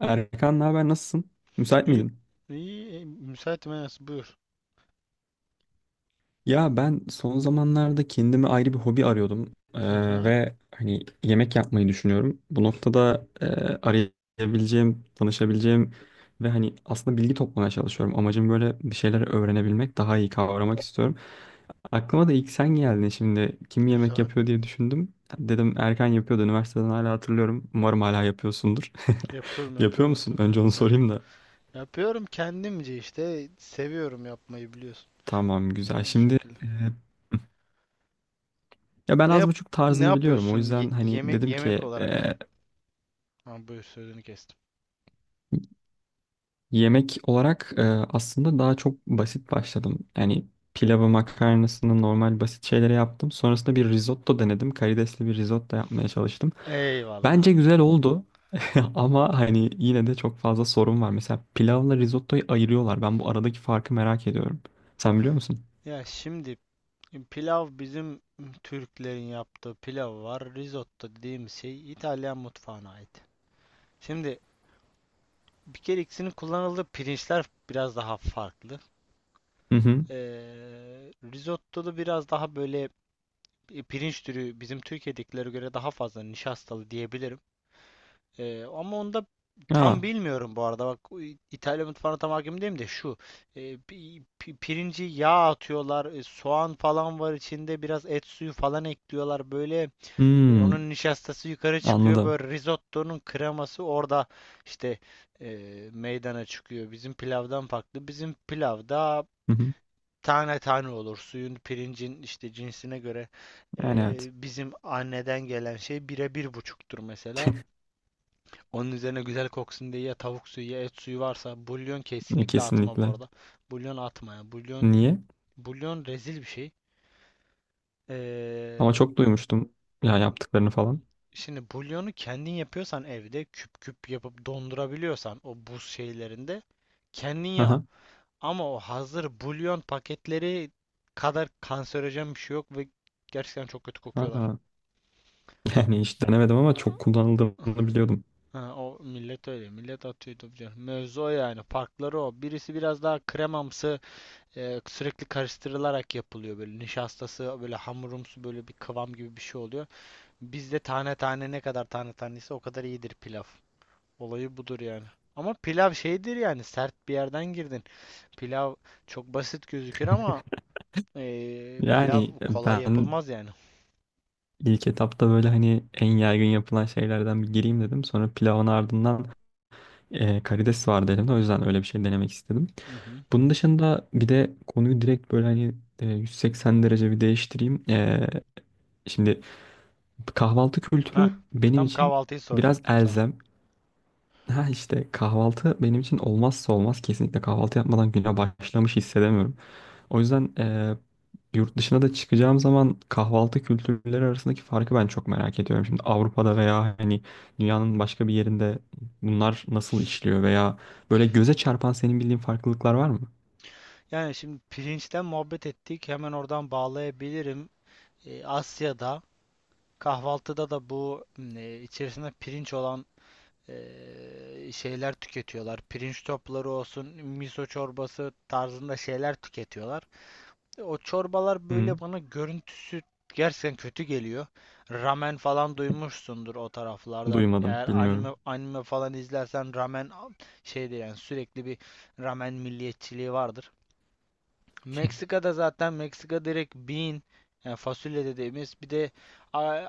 Erkan ne haber, nasılsın? Müsait İyi, miydin? iyi, iyi. Müsaitim Enes, buyur. Ya ben son zamanlarda kendime ayrı bir hobi arıyordum. Hı hı, Ve hani yemek yapmayı düşünüyorum. Bu noktada arayabileceğim, danışabileceğim ve hani aslında bilgi toplamaya çalışıyorum. Amacım böyle bir şeyler öğrenebilmek, daha iyi kavramak istiyorum. Aklıma da ilk sen geldin, şimdi kim yemek güzel. yapıyor diye düşündüm. Dedim Erkan yapıyordu üniversiteden, hala hatırlıyorum. Umarım hala yapıyorsundur. Yapıyorum Yapıyor yapıyorum musun? tabii canım. Önce onu Yap sorayım da. yapıyorum kendimce işte, seviyorum yapmayı biliyorsun. Tamam, güzel. O şekilde. Ya ben Ne az yap buçuk Ne tarzını biliyorum. O yapıyorsun yüzden hani dedim yemek ki olarak? e, Ha, buyur, sözünü kestim. yemek olarak aslında daha çok basit başladım. Yani pilavı, makarnasını, normal basit şeyleri yaptım. Sonrasında bir risotto denedim. Karidesli bir risotto yapmaya çalıştım. Eyvallah. Bence güzel oldu, ama hani yine de çok fazla sorun var. Mesela pilavla risottoyu ayırıyorlar. Ben bu aradaki farkı merak ediyorum. Sen biliyor musun? Ya şimdi pilav, bizim Türklerin yaptığı pilav var. Risotto dediğim şey İtalyan mutfağına ait. Şimdi bir kere ikisinin kullanıldığı pirinçler biraz daha farklı. Hı hı. Risotto'da biraz daha böyle pirinç türü bizim Türkiye'dekilere göre daha fazla nişastalı diyebilirim. Ama onda tam Aa, bilmiyorum bu arada. Bak, o İtalya mutfağına tam hakim değilim de şu. Pirinci yağ atıyorlar. Soğan falan var içinde. Biraz et suyu falan ekliyorlar. Böyle hmm, onun nişastası yukarı çıkıyor. anladım. Böyle risottonun kreması orada işte e, meydana çıkıyor. Bizim pilavdan farklı. Bizim pilavda Hı hı. tane tane olur. Suyun, pirincin işte cinsine göre Yani evet, bizim anneden gelen şey bire bir buçuktur mesela. Onun üzerine güzel koksun diye ya tavuk suyu ya et suyu, varsa bulyon, kesinlikle atma bu kesinlikle. arada. Bulyon atma ya. Bulyon, Niye? bulyon rezil bir şey. Eee, Ama çok duymuştum ya, yaptıklarını falan. Şimdi bulyonu kendin yapıyorsan, evde küp küp yapıp dondurabiliyorsan o buz şeylerinde, kendin yap. Aha. Ama o hazır bulyon paketleri kadar kanserojen bir şey yok ve gerçekten çok kötü kokuyorlar. Aha. Yani hiç denemedim ama çok kullanıldığını biliyordum. Ha, o millet öyle. Millet atıyor tabii canım. Mevzu o yani. Farkları o. Birisi biraz daha kremamsı, sürekli karıştırılarak yapılıyor böyle. Nişastası böyle hamurumsu, böyle bir kıvam gibi bir şey oluyor. Bizde tane tane, ne kadar tane tanesi o kadar iyidir pilav. Olayı budur yani. Ama pilav şeydir yani, sert bir yerden girdin. Pilav çok basit gözükür ama pilav Yani kolay ben yapılmaz yani. ilk etapta böyle hani en yaygın yapılan şeylerden bir gireyim dedim. Sonra pilavın ardından karides vardı elimde. O yüzden öyle bir şey denemek istedim. Hı hı. Bunun dışında bir de konuyu direkt böyle hani 180 derece bir değiştireyim. Şimdi kahvaltı Hah, kültürü benim tam için kahvaltıyı biraz soracaktım sana. elzem. Ha işte kahvaltı benim için olmazsa olmaz. Kesinlikle kahvaltı yapmadan güne başlamış hissedemiyorum. O yüzden yurt dışına da çıkacağım zaman kahvaltı kültürleri arasındaki farkı ben çok merak ediyorum. Şimdi Avrupa'da veya hani dünyanın başka bir yerinde bunlar nasıl işliyor veya böyle göze çarpan senin bildiğin farklılıklar var mı? Yani şimdi pirinçten muhabbet ettik, hemen oradan bağlayabilirim. Asya'da kahvaltıda da bu içerisinde pirinç olan şeyler tüketiyorlar. Pirinç topları olsun, miso çorbası tarzında şeyler tüketiyorlar. O çorbalar Hı, böyle, bana görüntüsü gerçekten kötü geliyor. Ramen falan duymuşsundur o taraflardan. duymadım, Eğer anime bilmiyorum. anime falan izlersen, ramen şeyde yani, sürekli bir ramen milliyetçiliği vardır. Meksika'da zaten, Meksika direkt bean yani fasulye dediğimiz bir de a,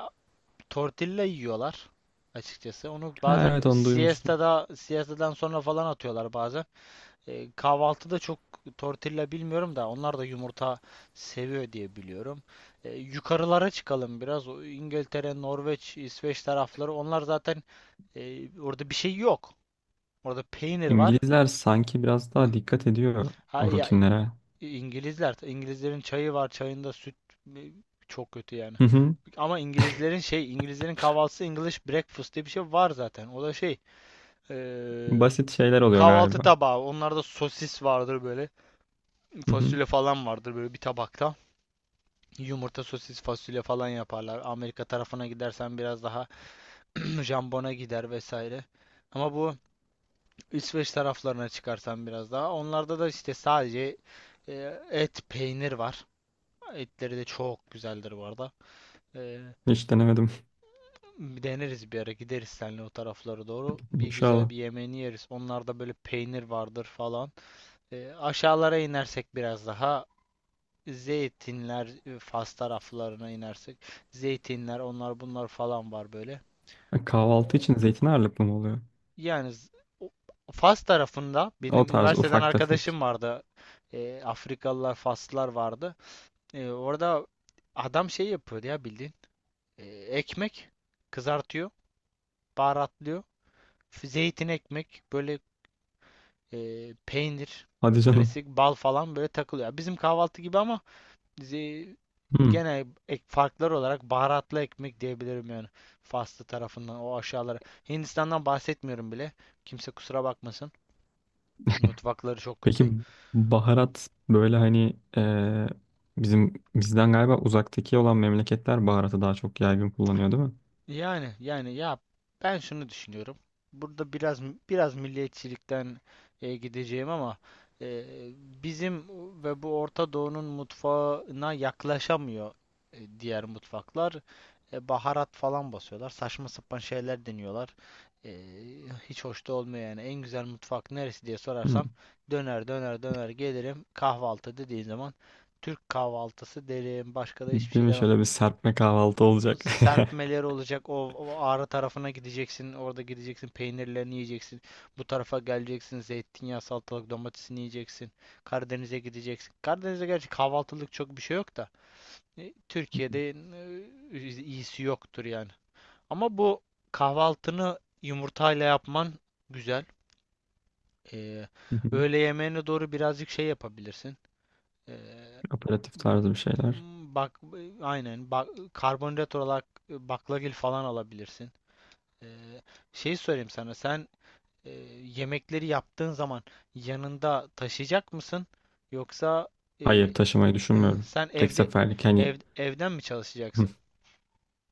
tortilla yiyorlar açıkçası. Onu Ha evet, bazen onu duymuştum. Siesta'dan sonra falan atıyorlar bazen. Kahvaltıda çok tortilla bilmiyorum da, onlar da yumurta seviyor diye biliyorum. Yukarılara çıkalım biraz. O İngiltere, Norveç, İsveç tarafları, onlar zaten, orada bir şey yok. Orada peynir var. İngilizler sanki biraz Heh. daha dikkat ediyor Ha, o ya rutinlere. İngilizlerin çayı var, çayında süt, e, çok kötü yani. Hı hı. Ama İngilizlerin kahvaltısı English breakfast diye bir şey var zaten. O da şey, e, Basit şeyler oluyor kahvaltı galiba. tabağı. Onlarda sosis vardır böyle, Hı hı. fasulye falan vardır böyle bir tabakta. Yumurta, sosis, fasulye falan yaparlar. Amerika tarafına gidersen biraz daha jambona gider vesaire. Ama bu İsveç taraflarına çıkarsan biraz daha. Onlarda da işte sadece e, et, peynir var. Etleri de çok güzeldir bu arada. Ee, Hiç denemedim. Bir deneriz, bir ara gideriz seninle o taraflara doğru. Bir güzel İnşallah. bir yemeğini yeriz. Onlarda böyle peynir vardır falan. Aşağılara inersek biraz daha zeytinler, Fas taraflarına inersek zeytinler, onlar bunlar falan var böyle. Kahvaltı O- için zeytin ağırlıklı mı oluyor? Yani o- Fas tarafında O benim tarz üniversiteden ufak tefek. arkadaşım vardı. Afrikalılar, Faslılar vardı. Orada adam şey yapıyordu ya bildiğin. Ekmek kızartıyor, baharatlıyor. Zeytin, ekmek, böyle peynir, Hadi canım. klasik bal falan böyle takılıyor. Bizim kahvaltı gibi ama ze- Hmm. gene farklar olarak baharatlı ekmek diyebilirim yani. Faslı tarafından o aşağılara. Hindistan'dan bahsetmiyorum bile. Kimse kusura bakmasın. Mutfakları çok Peki kötü. baharat böyle hani bizim bizden galiba uzaktaki olan memleketler baharatı daha çok yaygın kullanıyor, değil mi? Yani ya, ben şunu düşünüyorum. Burada biraz milliyetçilikten gideceğim ama e, bizim ve bu Orta Doğu'nun mutfağına yaklaşamıyor diğer mutfaklar. Baharat falan basıyorlar. Saçma sapan şeyler deniyorlar. E, Hiç hoş da olmuyor yani. En güzel mutfak neresi diye sorarsam, Hmm. döner döner döner gelirim. Kahvaltı dediğin zaman Türk kahvaltısı derim. Başka da hiçbir Değil şey mi? demem. Şöyle bir serpme kahvaltı olacak. Serpmeleri olacak. O Ağrı tarafına gideceksin. Orada gideceksin. Peynirlerini yiyeceksin. Bu tarafa geleceksin. Zeytinyağı, salatalık, domatesini yiyeceksin. Karadeniz'e gideceksin. Karadeniz'de gerçi kahvaltılık çok bir şey yok da, Türkiye'de iyisi yoktur yani. Ama bu kahvaltını yumurtayla yapman güzel. Ee, Hı hı. Öğle yemeğine doğru birazcık şey yapabilirsin. Ee, Aperatif tarzı bir şeyler. Bak aynen bak, karbonhidrat olarak baklagil falan alabilirsin. Ee, Şey sorayım sana. Sen e, yemekleri yaptığın zaman yanında taşıyacak mısın? Yoksa e, Hayır, taşımayı düşünmüyorum. sen Tek evde, seferlik hani. Evden mi Hı. çalışacaksın?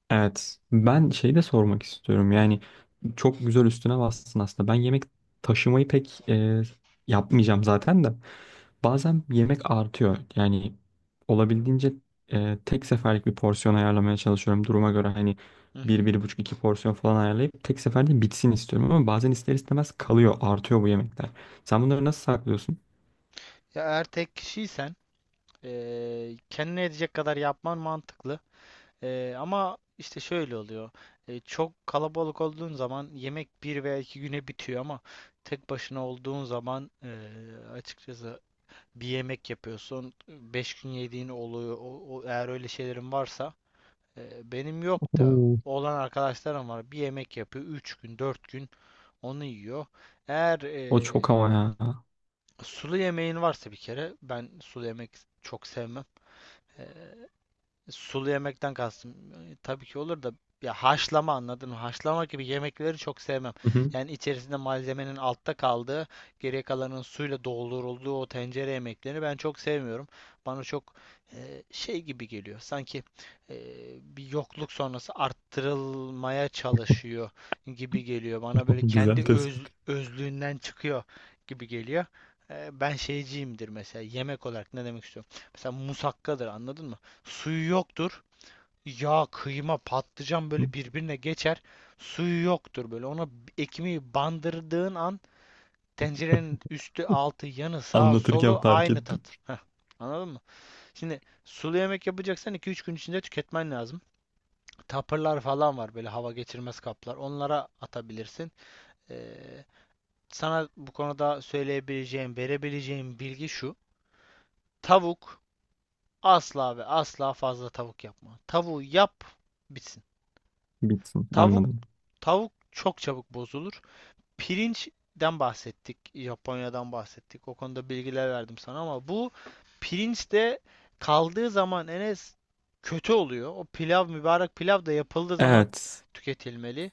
Evet. Ben şey de sormak istiyorum. Hı Yani çok güzel üstüne bastın aslında. Ben yemek taşımayı pek yapmayacağım zaten de. Bazen yemek artıyor. Yani olabildiğince tek seferlik bir porsiyon ayarlamaya çalışıyorum. Duruma göre hani hı. bir, Hı. bir buçuk, iki porsiyon falan ayarlayıp tek seferde bitsin istiyorum. Ama bazen ister istemez kalıyor, artıyor bu yemekler. Sen bunları nasıl saklıyorsun? Ya eğer tek kişiysen, kendine edecek kadar yapman mantıklı. Ama işte şöyle oluyor. Çok kalabalık olduğun zaman yemek 1 veya 2 güne bitiyor, ama tek başına olduğun zaman, açıkçası bir yemek yapıyorsun. 5 gün yediğin oluyor. Eğer öyle şeylerin varsa, benim yok da Oo. olan arkadaşlarım var. Bir yemek yapıyor. 3 gün, 4 gün onu yiyor. Eğer O çok ama ya. sulu yemeğin varsa, bir kere ben sulu yemek çok sevmem. E, Sulu yemekten kastım. Tabii ki olur da, ya haşlama, anladın mı? Haşlama gibi yemekleri çok sevmem. Hı hı. Yani içerisinde malzemenin altta kaldığı, geriye kalanın suyla doldurulduğu o tencere yemeklerini ben çok sevmiyorum. Bana çok şey gibi geliyor. Sanki e, bir yokluk sonrası arttırılmaya çalışıyor gibi geliyor. Bana böyle kendi Güzel tespit. özlüğünden çıkıyor gibi geliyor. Ben şeyciyimdir mesela, yemek olarak ne demek istiyorum? Mesela musakkadır, anladın mı? Suyu yoktur. Yağ, kıyma, patlıcan böyle birbirine geçer. Suyu yoktur böyle. Ona ekmeği bandırdığın an, tencerenin üstü, altı, yanı, sağı, Anlatırken solu fark aynı ettim. tat. Heh, anladın mı? Şimdi sulu yemek yapacaksan 2-3 gün içinde tüketmen lazım. Tapırlar falan var, böyle hava geçirmez kaplar. Onlara atabilirsin. Ee, Sana bu konuda söyleyebileceğim, verebileceğim bilgi şu. Tavuk, asla ve asla fazla tavuk yapma. Tavuğu yap, bitsin. Bitsin. Tavuk Anladım. Tavuk çok çabuk bozulur. Pirinçten bahsettik, Japonya'dan bahsettik. O konuda bilgiler verdim sana ama bu pirinç de kaldığı zaman, Enes, kötü oluyor. O pilav, mübarek pilav da yapıldığı zaman Evet. tüketilmeli.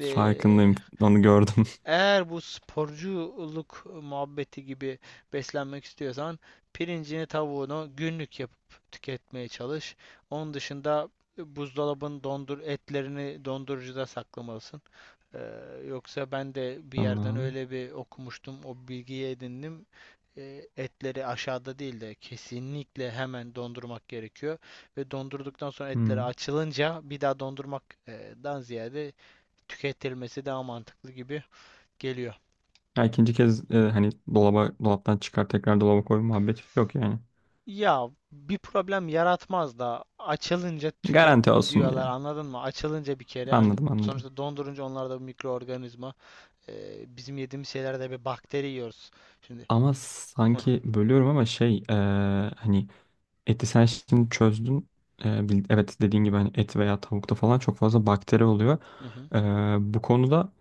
Ee, Farkındayım. Onu gördüm. Eğer bu sporculuk muhabbeti gibi beslenmek istiyorsan, pirincini, tavuğunu günlük yapıp tüketmeye çalış. Onun dışında buzdolabın, dondur, etlerini dondurucuda saklamalısın. Yoksa ben de bir yerden Tamam. öyle bir okumuştum, o bilgiyi edindim. Etleri aşağıda değil de kesinlikle hemen dondurmak gerekiyor. Ve dondurduktan sonra etleri Hmm. açılınca bir daha dondurmaktan ziyade tüketilmesi daha mantıklı gibi geliyor. Ya ikinci kez hani dolaba, dolaptan çıkar tekrar dolaba koy muhabbeti yok yani. Ya bir problem yaratmaz da, açılınca tüket Garanti olsun diye. diyorlar, anladın mı? Açılınca bir kere, hani Anladım, anladım. sonuçta dondurunca, onlarda bir mikroorganizma. Bizim yediğimiz şeylerde bir bakteri yiyoruz. Şimdi. Ama sanki bölüyorum ama şey, hani. Eti sen şimdi çözdün. Evet, dediğin gibi hani et veya tavukta falan çok fazla bakteri oluyor. Ee, Bu konuda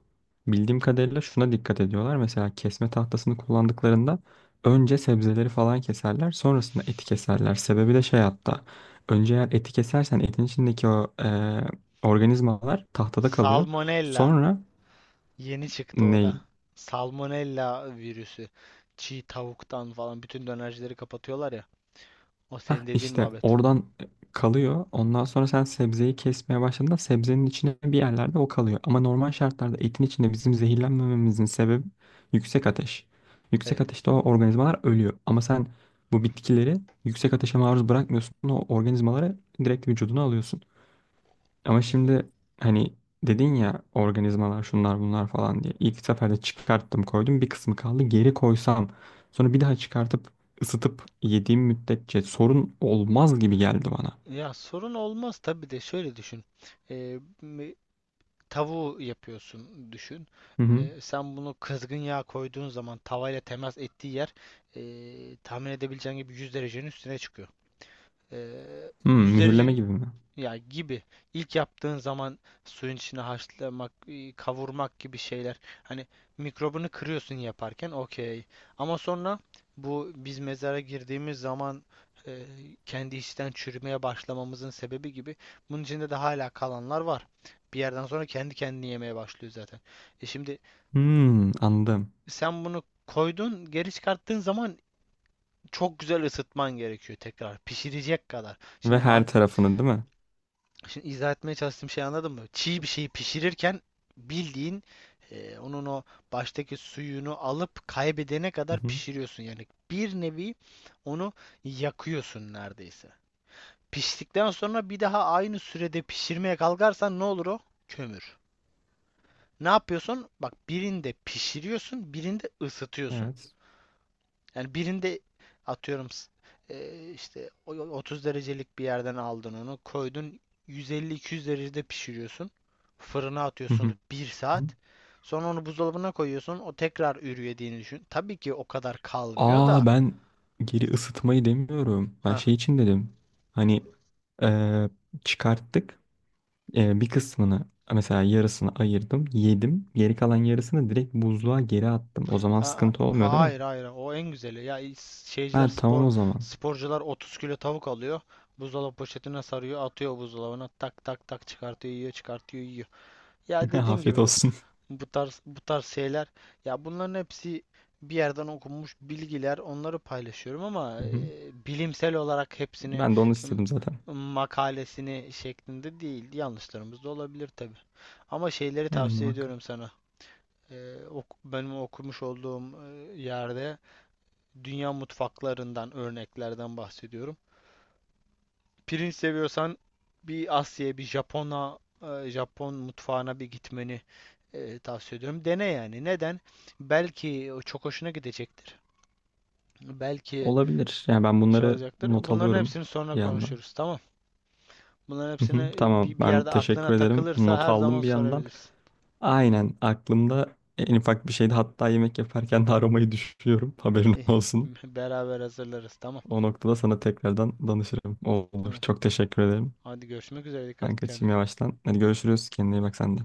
bildiğim kadarıyla şuna dikkat ediyorlar. Mesela kesme tahtasını kullandıklarında önce sebzeleri falan keserler, sonrasında eti keserler. Sebebi de şey hatta. Önce eğer eti kesersen etin içindeki o organizmalar tahtada kalıyor. Salmonella. Sonra Yeni çıktı o da. ne? Salmonella virüsü. Çiğ tavuktan falan bütün dönercileri kapatıyorlar ya. O Hah, senin dediğin işte muhabbet. oradan kalıyor. Ondan sonra sen sebzeyi kesmeye başladığında sebzenin içine bir yerlerde o kalıyor. Ama normal şartlarda etin içinde bizim zehirlenmememizin sebebi yüksek ateş. Evet. Yüksek ateşte o organizmalar ölüyor. Ama sen bu bitkileri yüksek ateşe maruz bırakmıyorsun. O organizmaları direkt vücuduna alıyorsun. Ama Hı hı. şimdi hani dedin ya, organizmalar şunlar bunlar falan diye. İlk seferde çıkarttım koydum, bir kısmı kaldı, geri koysam sonra bir daha çıkartıp ısıtıp yediğim müddetçe sorun olmaz gibi geldi bana. Ya sorun olmaz tabii de şöyle düşün. Ee, m- Tavuğu yapıyorsun, düşün. Hı hı. Sen bunu kızgın yağ koyduğun zaman, tavayla temas ettiği yer, tahmin edebileceğin gibi, 100 derecenin üstüne çıkıyor. Hmm, 100 mühürleme derecenin. gibi mi? Ya gibi. İlk yaptığın zaman suyun içine haşlamak, kavurmak gibi şeyler. Hani mikrobunu kırıyorsun yaparken, okey. Ama sonra bu, biz mezara girdiğimiz zaman e, kendi içten çürümeye başlamamızın sebebi gibi. Bunun içinde de hala kalanlar var. Bir yerden sonra kendi kendini yemeye başlıyor zaten. Şimdi Hmm, anladım. sen bunu koydun, geri çıkarttığın zaman çok güzel ısıtman gerekiyor tekrar. Pişirecek kadar. Ve her tarafını, değil mi? Şimdi izah etmeye çalıştığım şeyi anladın mı? Çiğ bir şeyi pişirirken, bildiğin, onun o baştaki suyunu alıp kaybedene Hı kadar hı. pişiriyorsun. Yani bir nevi onu yakıyorsun neredeyse. Piştikten sonra bir daha aynı sürede pişirmeye kalkarsan ne olur o? Kömür. Ne yapıyorsun? Bak, birinde pişiriyorsun, birinde ısıtıyorsun. Evet. Yani birinde atıyorum, 30 derecelik bir yerden aldın onu, koydun 150-200 derecede pişiriyorsun. Fırına Hı atıyorsun hı. bir saat. Sonra onu buzdolabına koyuyorsun. O tekrar ürüyediğini düşün. Tabii ki o kadar kalmıyor Aa, da. ben geri ısıtmayı demiyorum. Ben Ha, şey için dedim. Hani, eee, çıkarttık. Bir kısmını mesela, yarısını ayırdım, yedim. Geri kalan yarısını direkt buzluğa geri attım. O zaman ha, sıkıntı olmuyor, değil mi? hayır hayır, o en güzeli. Şeyciler, Ha tamam, o zaman. sporcular 30 kilo tavuk alıyor. Buzdolabı poşetine sarıyor, atıyor buzdolabına, tak tak tak çıkartıyor, yiyor, çıkartıyor, yiyor. Ya dediğim gibi, Afiyet olsun. bu tarz bu tarz şeyler, ya bunların hepsi bir yerden okunmuş bilgiler, onları paylaşıyorum ama Hı hı. bilimsel olarak hepsini, Ben de onu m- istedim zaten. makalesini şeklinde değil. Yanlışlarımız da olabilir tabi. Ama şeyleri Yani tavsiye muhakkak. ediyorum sana. Benim okumuş olduğum yerde dünya mutfaklarından örneklerden bahsediyorum, pirinç seviyorsan bir Asya'ya, bir Japon'a, Japon mutfağına bir gitmeni tavsiye ediyorum. Dene yani. Neden? Belki o çok hoşuna gidecektir. Belki Olabilir. Yani ben şey bunları olacaktır. not Bunların alıyorum hepsini sonra bir yandan. konuşuruz. Tamam. Bunların Hı hepsini, hı. Tamam, bir ben yerde aklına teşekkür ederim. takılırsa Not her zaman aldım bir yandan. sorabilirsin. Hı. Aynen, aklımda en ufak bir şeydi. Hatta yemek yaparken de aromayı düşünüyorum, haberin İyi. olsun. Beraber hazırlarız. Tamam. O noktada sana tekrardan danışırım. Olur. Tamam. Çok teşekkür ederim. Hadi görüşmek üzere. Dikkat Ben et kaçayım kendine. yavaştan. Hadi görüşürüz. Kendine iyi bak sen de.